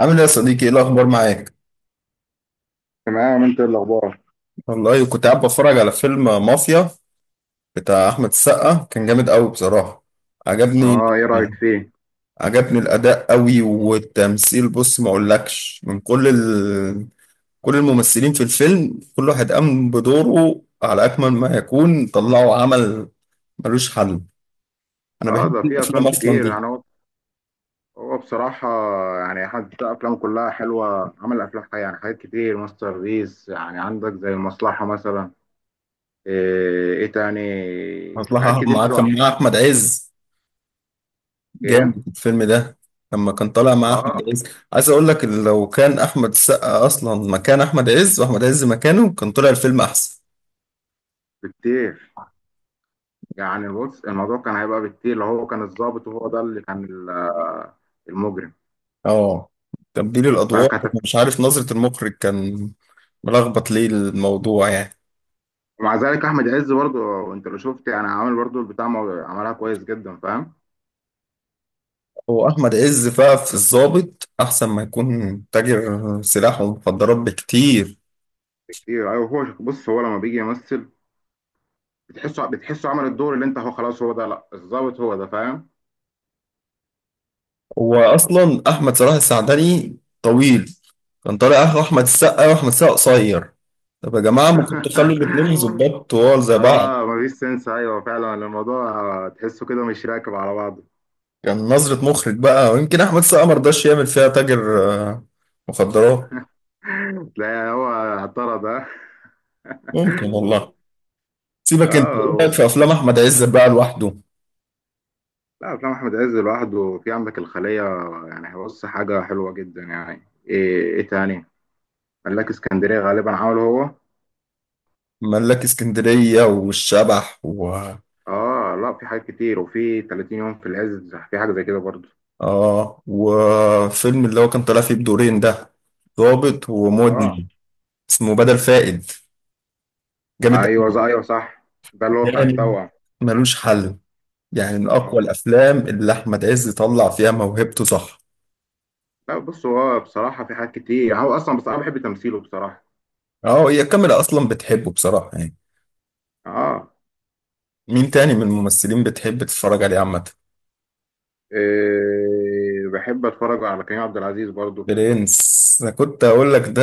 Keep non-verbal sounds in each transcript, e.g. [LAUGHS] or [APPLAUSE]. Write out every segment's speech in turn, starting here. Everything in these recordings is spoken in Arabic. عامل ايه يا صديقي؟ ايه الاخبار معاك؟ تمام، انت ايه الاخبار؟ والله كنت قاعد بتفرج على فيلم مافيا بتاع احمد السقا، كان جامد قوي بصراحه، عجبني. اه، ايه رايك فيه؟ عجبني الاداء قوي والتمثيل. بص، ما اقولكش، من كل كل الممثلين في الفيلم كل واحد قام بدوره على اكمل ما يكون، طلعوا عمل ملوش حل. انا اه، بحب ده في الافلام افلام اصلا كتير دي. يعني. هو بصراحه يعني حتى افلام كلها حلوه، عمل افلام حاجة يعني حاجات كتير ماستر بيس، يعني عندك زي المصلحه مثلا. ايه تاني؟ حاجات اصلها كتير مع حلوه كان عملها. مع احمد عز. جامد ايه. الفيلم ده لما كان طالع مع اه، احمد عز. عايز اقول لك إن لو كان احمد السقا اصلا مكان احمد عز واحمد عز مكانه، كان طلع الفيلم احسن. بكتير. يعني بص، الموضوع كان هيبقى بكتير لو هو كان الضابط، وهو ده اللي كان ال- المجرم. اه، تبديل لا الادوار. كانت. مش عارف نظرة المخرج كان ملخبط ليه الموضوع يعني. ومع ذلك احمد عز برضه انت لو شفت، يعني عامل برضه البتاع عملها كويس جدا، فاهم. هو احمد عز بقى في الضابط احسن ما يكون تاجر سلاح ومخدرات بكتير. ايه، ايوه، هو بص، هو لما بيجي يمثل، بتحسه عمل الدور اللي انت هو خلاص هو ده، لا الظابط هو ده، فاهم. هو اصلا احمد صلاح السعدني طويل، كان طالع اخو احمد السقا، واحمد السقا قصير. طب يا جماعه ما كنتوا خلوا الاتنين [LAUGHS] ظباط طوال زي بعض. اه، مفيش سنس. ايوه فعلا الموضوع، تحسه كده مش راكب على بعضه. كان نظره مخرج بقى، ويمكن احمد السقا ما رضاش يعمل فيها تاجر مخدرات. [LAUGHS] تلاقي هو اعترض ده. ممكن [LAUGHS] والله. سيبك، انت اه، ايه رايك في افلام احمد عز بقى لوحده؟ لا افلام احمد عز لوحده، في عندك الخليه. يعني بص حاجه حلوه جدا، يعني ايه تاني؟ ملاك اسكندريه غالبا عمله هو. ملاك اسكندريه والشبح و اه، لا في حاجات كتير، وفي 30 يوم، في العز، في حاجه زي كده برضه. اه، وفيلم اللي هو كان طالع فيه بدورين ده، ضابط اه، ومدمن، اسمه بدل فائد، جامد ايوه ايوه صح. ده اللي هو بتاع يعني، التوأم. ملوش حل، يعني من اقوى اه، الافلام اللي احمد عز طلع فيها موهبته صح. لا بص هو بصراحه في حاجات كتير هو اصلا، بس انا بحب تمثيله بصراحه. اه، هي الكاميرا اصلا بتحبه بصراحه يعني. اه. مين تاني من الممثلين بتحب تتفرج عليه عامه؟ إيه، بحب اتفرج على كريم عبد العزيز برضو. برنس، انا كنت اقول لك ده،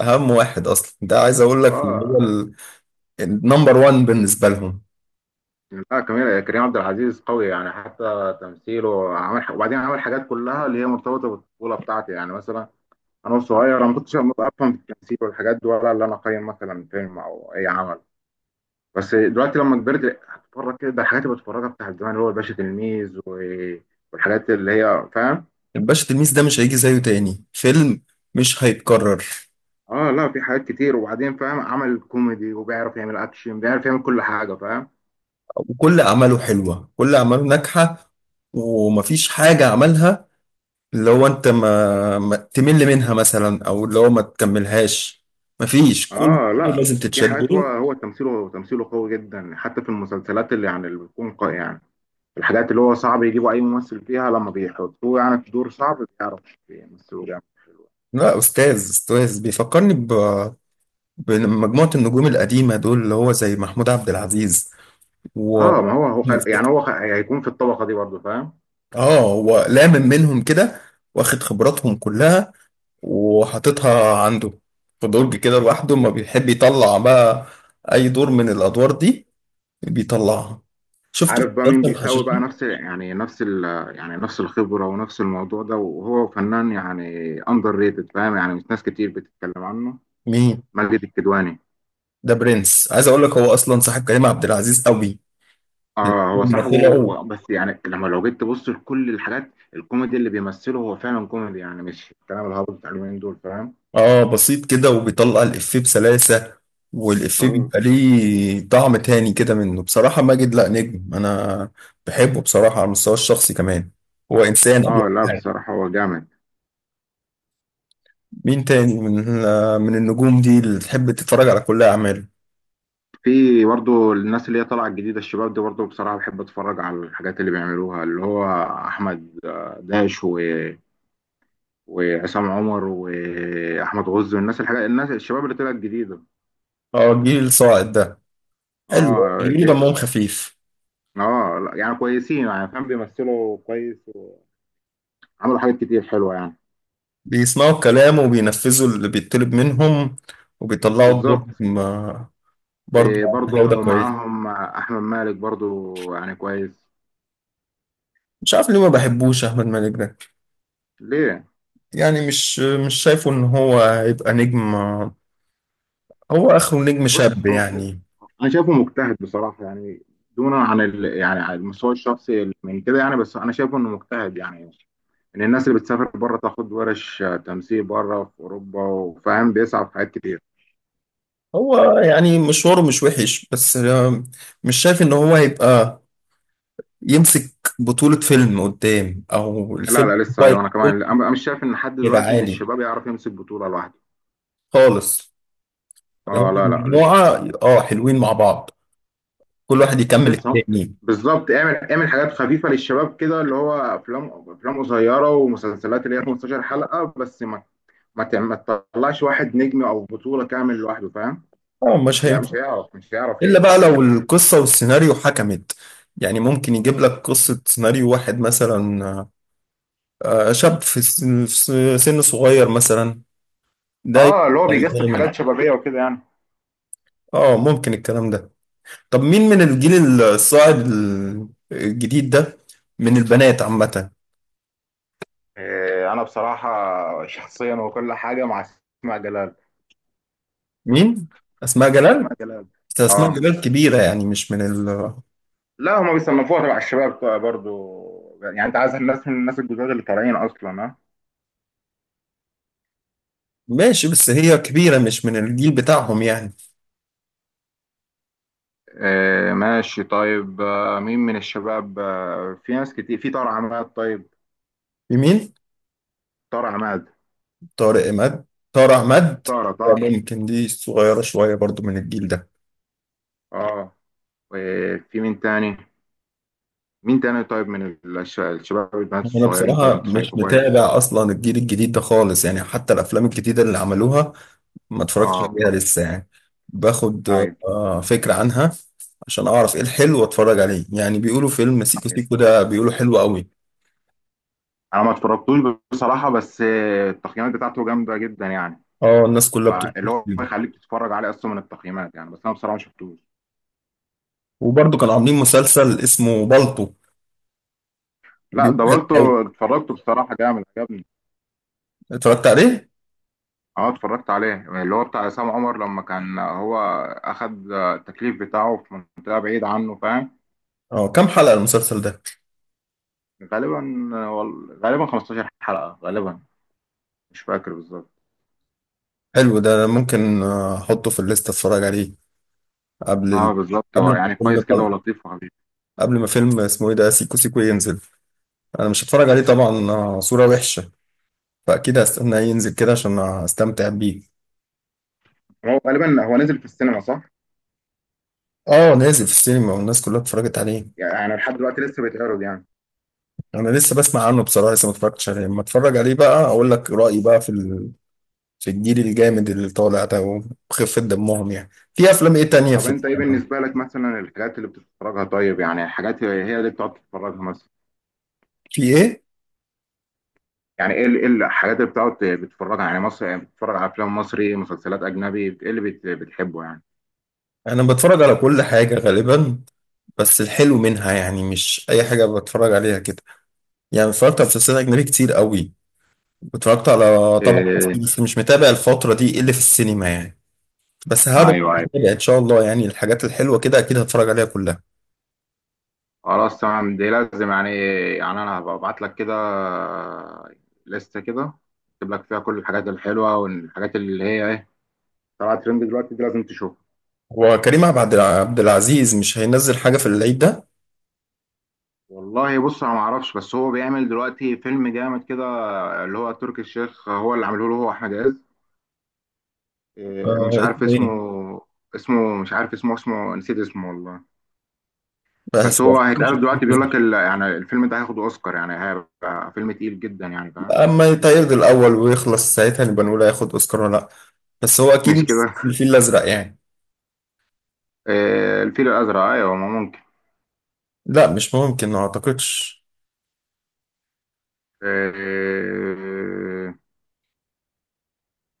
اهم واحد اصلا ده، عايز اقول لك اللي هو اه، النمبر وان بالنسبه لهم. لا كريم عبد العزيز قوي، يعني حتى تمثيله وبعدين عمل حاجات كلها اللي هي مرتبطه بالطفوله بتاعتي يعني مثلا. انا صغير، انا ما كنتش افهم في التمثيل والحاجات دي، ولا اللي انا اقيم مثلا فيلم او اي عمل. بس دلوقتي لما كبرت هتتفرج كده، ده الحاجات اللي بتفرجها بتاعت زمان اللي هو الباشا تلميذ والحاجات اللي هي، فاهم. الباشا تلميذ ده مش هيجي زيه تاني فيلم، مش هيتكرر. اه، لا في حاجات كتير، وبعدين فاهم عمل كوميدي وبيعرف يعمل اكشن، بيعرف يعمل كل حاجه، فاهم. وكل اعماله حلوه، كل اعماله ناجحه، ومفيش حاجه عملها اللي هو انت ما تمل منها مثلا، او اللي هو ما تكملهاش. مفيش، كل اه، شيء لا لازم في تتشد حاجات، هو له. هو تمثيله قوي جدا، حتى في المسلسلات اللي بتكون قوي يعني. الحاجات اللي هو صعب يجيبوا اي ممثل فيها، لما بيحطوه يعني في دور صعب، بيعرف يمثله جامد. لا، استاذ استاذ، بيفكرني بمجموعة النجوم القديمة دول، اللي هو زي محمود عبد العزيز و اه، ما هو يعني هيكون في الطبقه دي برضه، فاهم. اه، هو لامم منهم كده، واخد خبراتهم كلها وحاططها عنده في درج كده لوحده، ما بيحب يطلع بقى اي دور من الادوار دي، بيطلعها. شفته في عارف بقى مين مسلسل بيساوي بقى الحشاشين. نفس، يعني نفس ال يعني نفس الخبرة ونفس الموضوع ده، وهو فنان يعني، اندر ريتد، فاهم يعني، مش ناس كتير بتتكلم عنه. مين؟ ماجد الكدواني. ده برنس، عايز اقول لك هو اصلا صاحب كريم عبد العزيز قوي. من اه، هو أول ما صاحبه طلعوا. بس يعني لما لو جيت تبص لكل الحاجات الكوميدي اللي بيمثله هو فعلا كوميدي، يعني مش الكلام الهابط بتاع اليومين دول، فاهم. اه، بسيط كده وبيطلع الافيه بسلاسه، والافيه اه. بيبقى ليه طعم تاني كده منه بصراحه. ماجد لا، نجم. انا بحبه بصراحه على المستوى الشخصي كمان، هو انسان قبل اه، لا كل حاجه. بصراحة هو جامد. مين تاني من النجوم دي اللي تحب تتفرج على كل اعماله؟ في برضه الناس اللي هي طالعة الجديدة، الشباب دي برضه بصراحة بحب اتفرج على الحاجات اللي بيعملوها، اللي هو احمد داش وعصام عمر واحمد غزي، والناس الناس الشباب اللي طلعت جديده. اه، الجيل الصاعد ده، حلو، اه. بيقولوا دمهم خفيف. اه لا، يعني كويسين، يعني فاهم بيمثلوا كويس، وعملوا حاجات كتير حلوه يعني. بيسمعوا الكلام وبينفذوا اللي بيطلب منهم وبيطلعوا الدور. بالظبط. آه، برضه. إيه، جودة برضو كويسة. معاهم احمد مالك برضو، يعني كويس. مش عارف ليه ما بحبوش أحمد مالك ده. ليه؟ يعني مش شايفه إن هو هيبقى نجم، هو آخره نجم بص شاب هو. يعني. انا شايفه مجتهد بصراحه يعني، دونا عن يعني عن المستوى الشخصي من كده، يعني بس انا شايفه انه مجتهد يعني، ان الناس اللي بتسافر بره تاخد ورش تمثيل بره في اوروبا، وفاهم بيسعى في حاجات كتير. هو يعني مشواره مش وحش، بس مش شايف إن هو هيبقى يمسك بطولة فيلم قدام، أو لا الفيلم. لا لسه، هو ايوه انا هيبقى كمان، أنا بقى مش شايف ان حد هيبقى دلوقتي من عالي الشباب يعرف يمسك بطولة لوحده. خالص. اه، هم لا لا لسه. مجموعة حلوين مع بعض، كل واحد يكمل لسه. التاني. بالظبط، اعمل حاجات خفيفة للشباب كده، اللي هو افلام قصيرة ومسلسلات اللي هي 15 حلقة، بس ما تطلعش واحد نجم او بطولة كامل لوحده، فاهم. اه، مش مش هيعرف إلا بقى يديك اللي لو انت عايزه. القصة والسيناريو حكمت، يعني ممكن يجيب لك قصة سيناريو واحد مثلا شاب في سن صغير مثلا، ده يبقى اه، اللي هو بيجسد الجامد. حاجات شبابية وكده يعني. اه، ممكن الكلام ده. طب مين من الجيل الصاعد الجديد ده من البنات عامة؟ إيه، انا بصراحة شخصيا وكل حاجة مع اسماء جلال. مين؟ أسماء جلال؟ اسماء جلال. بس أسماء اه، جلال كبيرة يعني، مش من ال لا هما بيصنفوها تبع الشباب بقى برضو، يعني انت عايز الناس من الناس الجداد اللي طالعين اصلا، ها. ماشي، بس هي كبيرة، مش من الجيل بتاعهم يعني. آه، ماشي، طيب، مين من الشباب؟ في ناس كتير، في طارق عماد، طيب. في مين؟ طارق عماد. طارق إمد، طارق أحمد. طارق طارق ممكن دي صغيرة شوية برضو من الجيل ده. اه، في مين تاني؟ مين تاني، طيب من الشباب، البنات أنا الصغيرين، طيب بصراحة انت مش شايفه كويس. متابع أصلا الجيل الجديد ده خالص يعني، حتى الأفلام الجديدة اللي عملوها ما اتفرجتش اه. عليها لسه يعني. باخد طيب. فكرة عنها عشان أعرف إيه الحلو وأتفرج عليه، يعني بيقولوا فيلم سيكو طيب سيكو ده بيقولوا حلو قوي. انا ما اتفرجتوش بصراحه، بس التقييمات بتاعته جامده جدا يعني. اه، الناس كلها بتشكر فاللي هو فيه. يخليك تتفرج عليه اصلا من التقييمات يعني، بس انا بصراحه ما شفتوش. وبرضو كانوا عاملين مسلسل اسمه بالطو لا، بيقولوا حلو قوي، دورته اتفرجته بصراحة، جامد عجبني. اتفرجت عليه. اه، اتفرجت عليه، اللي هو بتاع عصام عمر لما كان هو أخد التكليف بتاعه في منطقة بعيدة عنه، فاهم. اه كام حلقة المسلسل ده؟ غالبا. غالبا 15 حلقة، غالبا. مش فاكر بالظبط. حلو ده، ممكن احطه في الليست اتفرج عليه قبل اه، بالظبط هو قبل ما يعني كويس كل كده، حلقة، ولطيف وخفيف. قبل ما فيلم اسمه ايه ده، سيكو سيكو، ينزل. انا مش هتفرج عليه طبعا، صورة وحشة، فاكيد هستناه ينزل كده عشان استمتع بيه. هو غالبا هو نزل في السينما، صح؟ اه، نازل في السينما والناس كلها اتفرجت عليه. يعني لحد دلوقتي لسه بيتعرض يعني؟ انا لسه بسمع عنه بصراحة، لسه ما اتفرجتش عليه. لما اتفرج عليه بقى اقول لك رأيي بقى في في الجيل الجامد اللي طالع ده وخفة دمهم، يعني في افلام ايه تانية طب في؟ انت ايه بالنسبة لك مثلا الحاجات اللي بتتفرجها؟ طيب يعني الحاجات هي اللي بتقعد تتفرجها مثلا، في ايه؟ يعني إيه الحاجات اللي بتقعد بتتفرج على، يعني مصر بتتفرج على افلام مصري، مسلسلات اجنبي، ايه اللي بتحبه يعني؟ انا بتفرج على كل حاجة غالبا، بس الحلو منها يعني، مش اي حاجة بتفرج عليها كده. يعني اتفرجت على مسلسلات أجنبي كتير قوي، اتفرجت على طبعا مصري، إيه، بس مش متابع الفترة دي إيه اللي في السينما يعني. بس هرجع ايوه، ايوه، أتابع إن شاء الله، يعني الحاجات الحلوة كده أكيد هتفرج عليها كلها. خلاص تمام، دي لازم يعني. يعني انا هبقى ابعت لك كده، لستة كده، اكتب لك فيها كل الحاجات الحلوه والحاجات اللي هي ايه، طلعت ترند دلوقتي، دي لازم تشوفها. هو كريم عبد العزيز مش هينزل حاجة في العيد ده؟ والله بص، انا ما اعرفش، بس هو بيعمل دلوقتي فيلم جامد كده، اللي هو تركي الشيخ هو اللي عامله له، هو احمد عز. إيه، مش عارف اسمه اسمه. إيه؟ اسمه، مش عارف اسمه، اسمه نسيت اسمه والله. بس بس هو مش هيتقال دلوقتي، بيقول لك يعني الفيلم ده هياخد اوسكار، يعني هيبقى فيلم تقيل جدا يعني، فاهم. أما يتعرض الأول ويخلص ساعتها نبقى نقول هياخد أوسكار ولا لأ، بس هو أكيد مش مش كده. الفيل الأزرق يعني. آه، الفيل الازرق، ايوه ما ممكن. لا مش ممكن، ما أعتقدش. آه.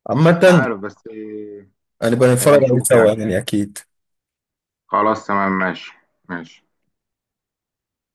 عامة مش عارف، بس هنبقى هيبقى نتفرج عليه نشوف سوا يعني. يعني أكيد. خلاص تمام، ماشي، ماشي.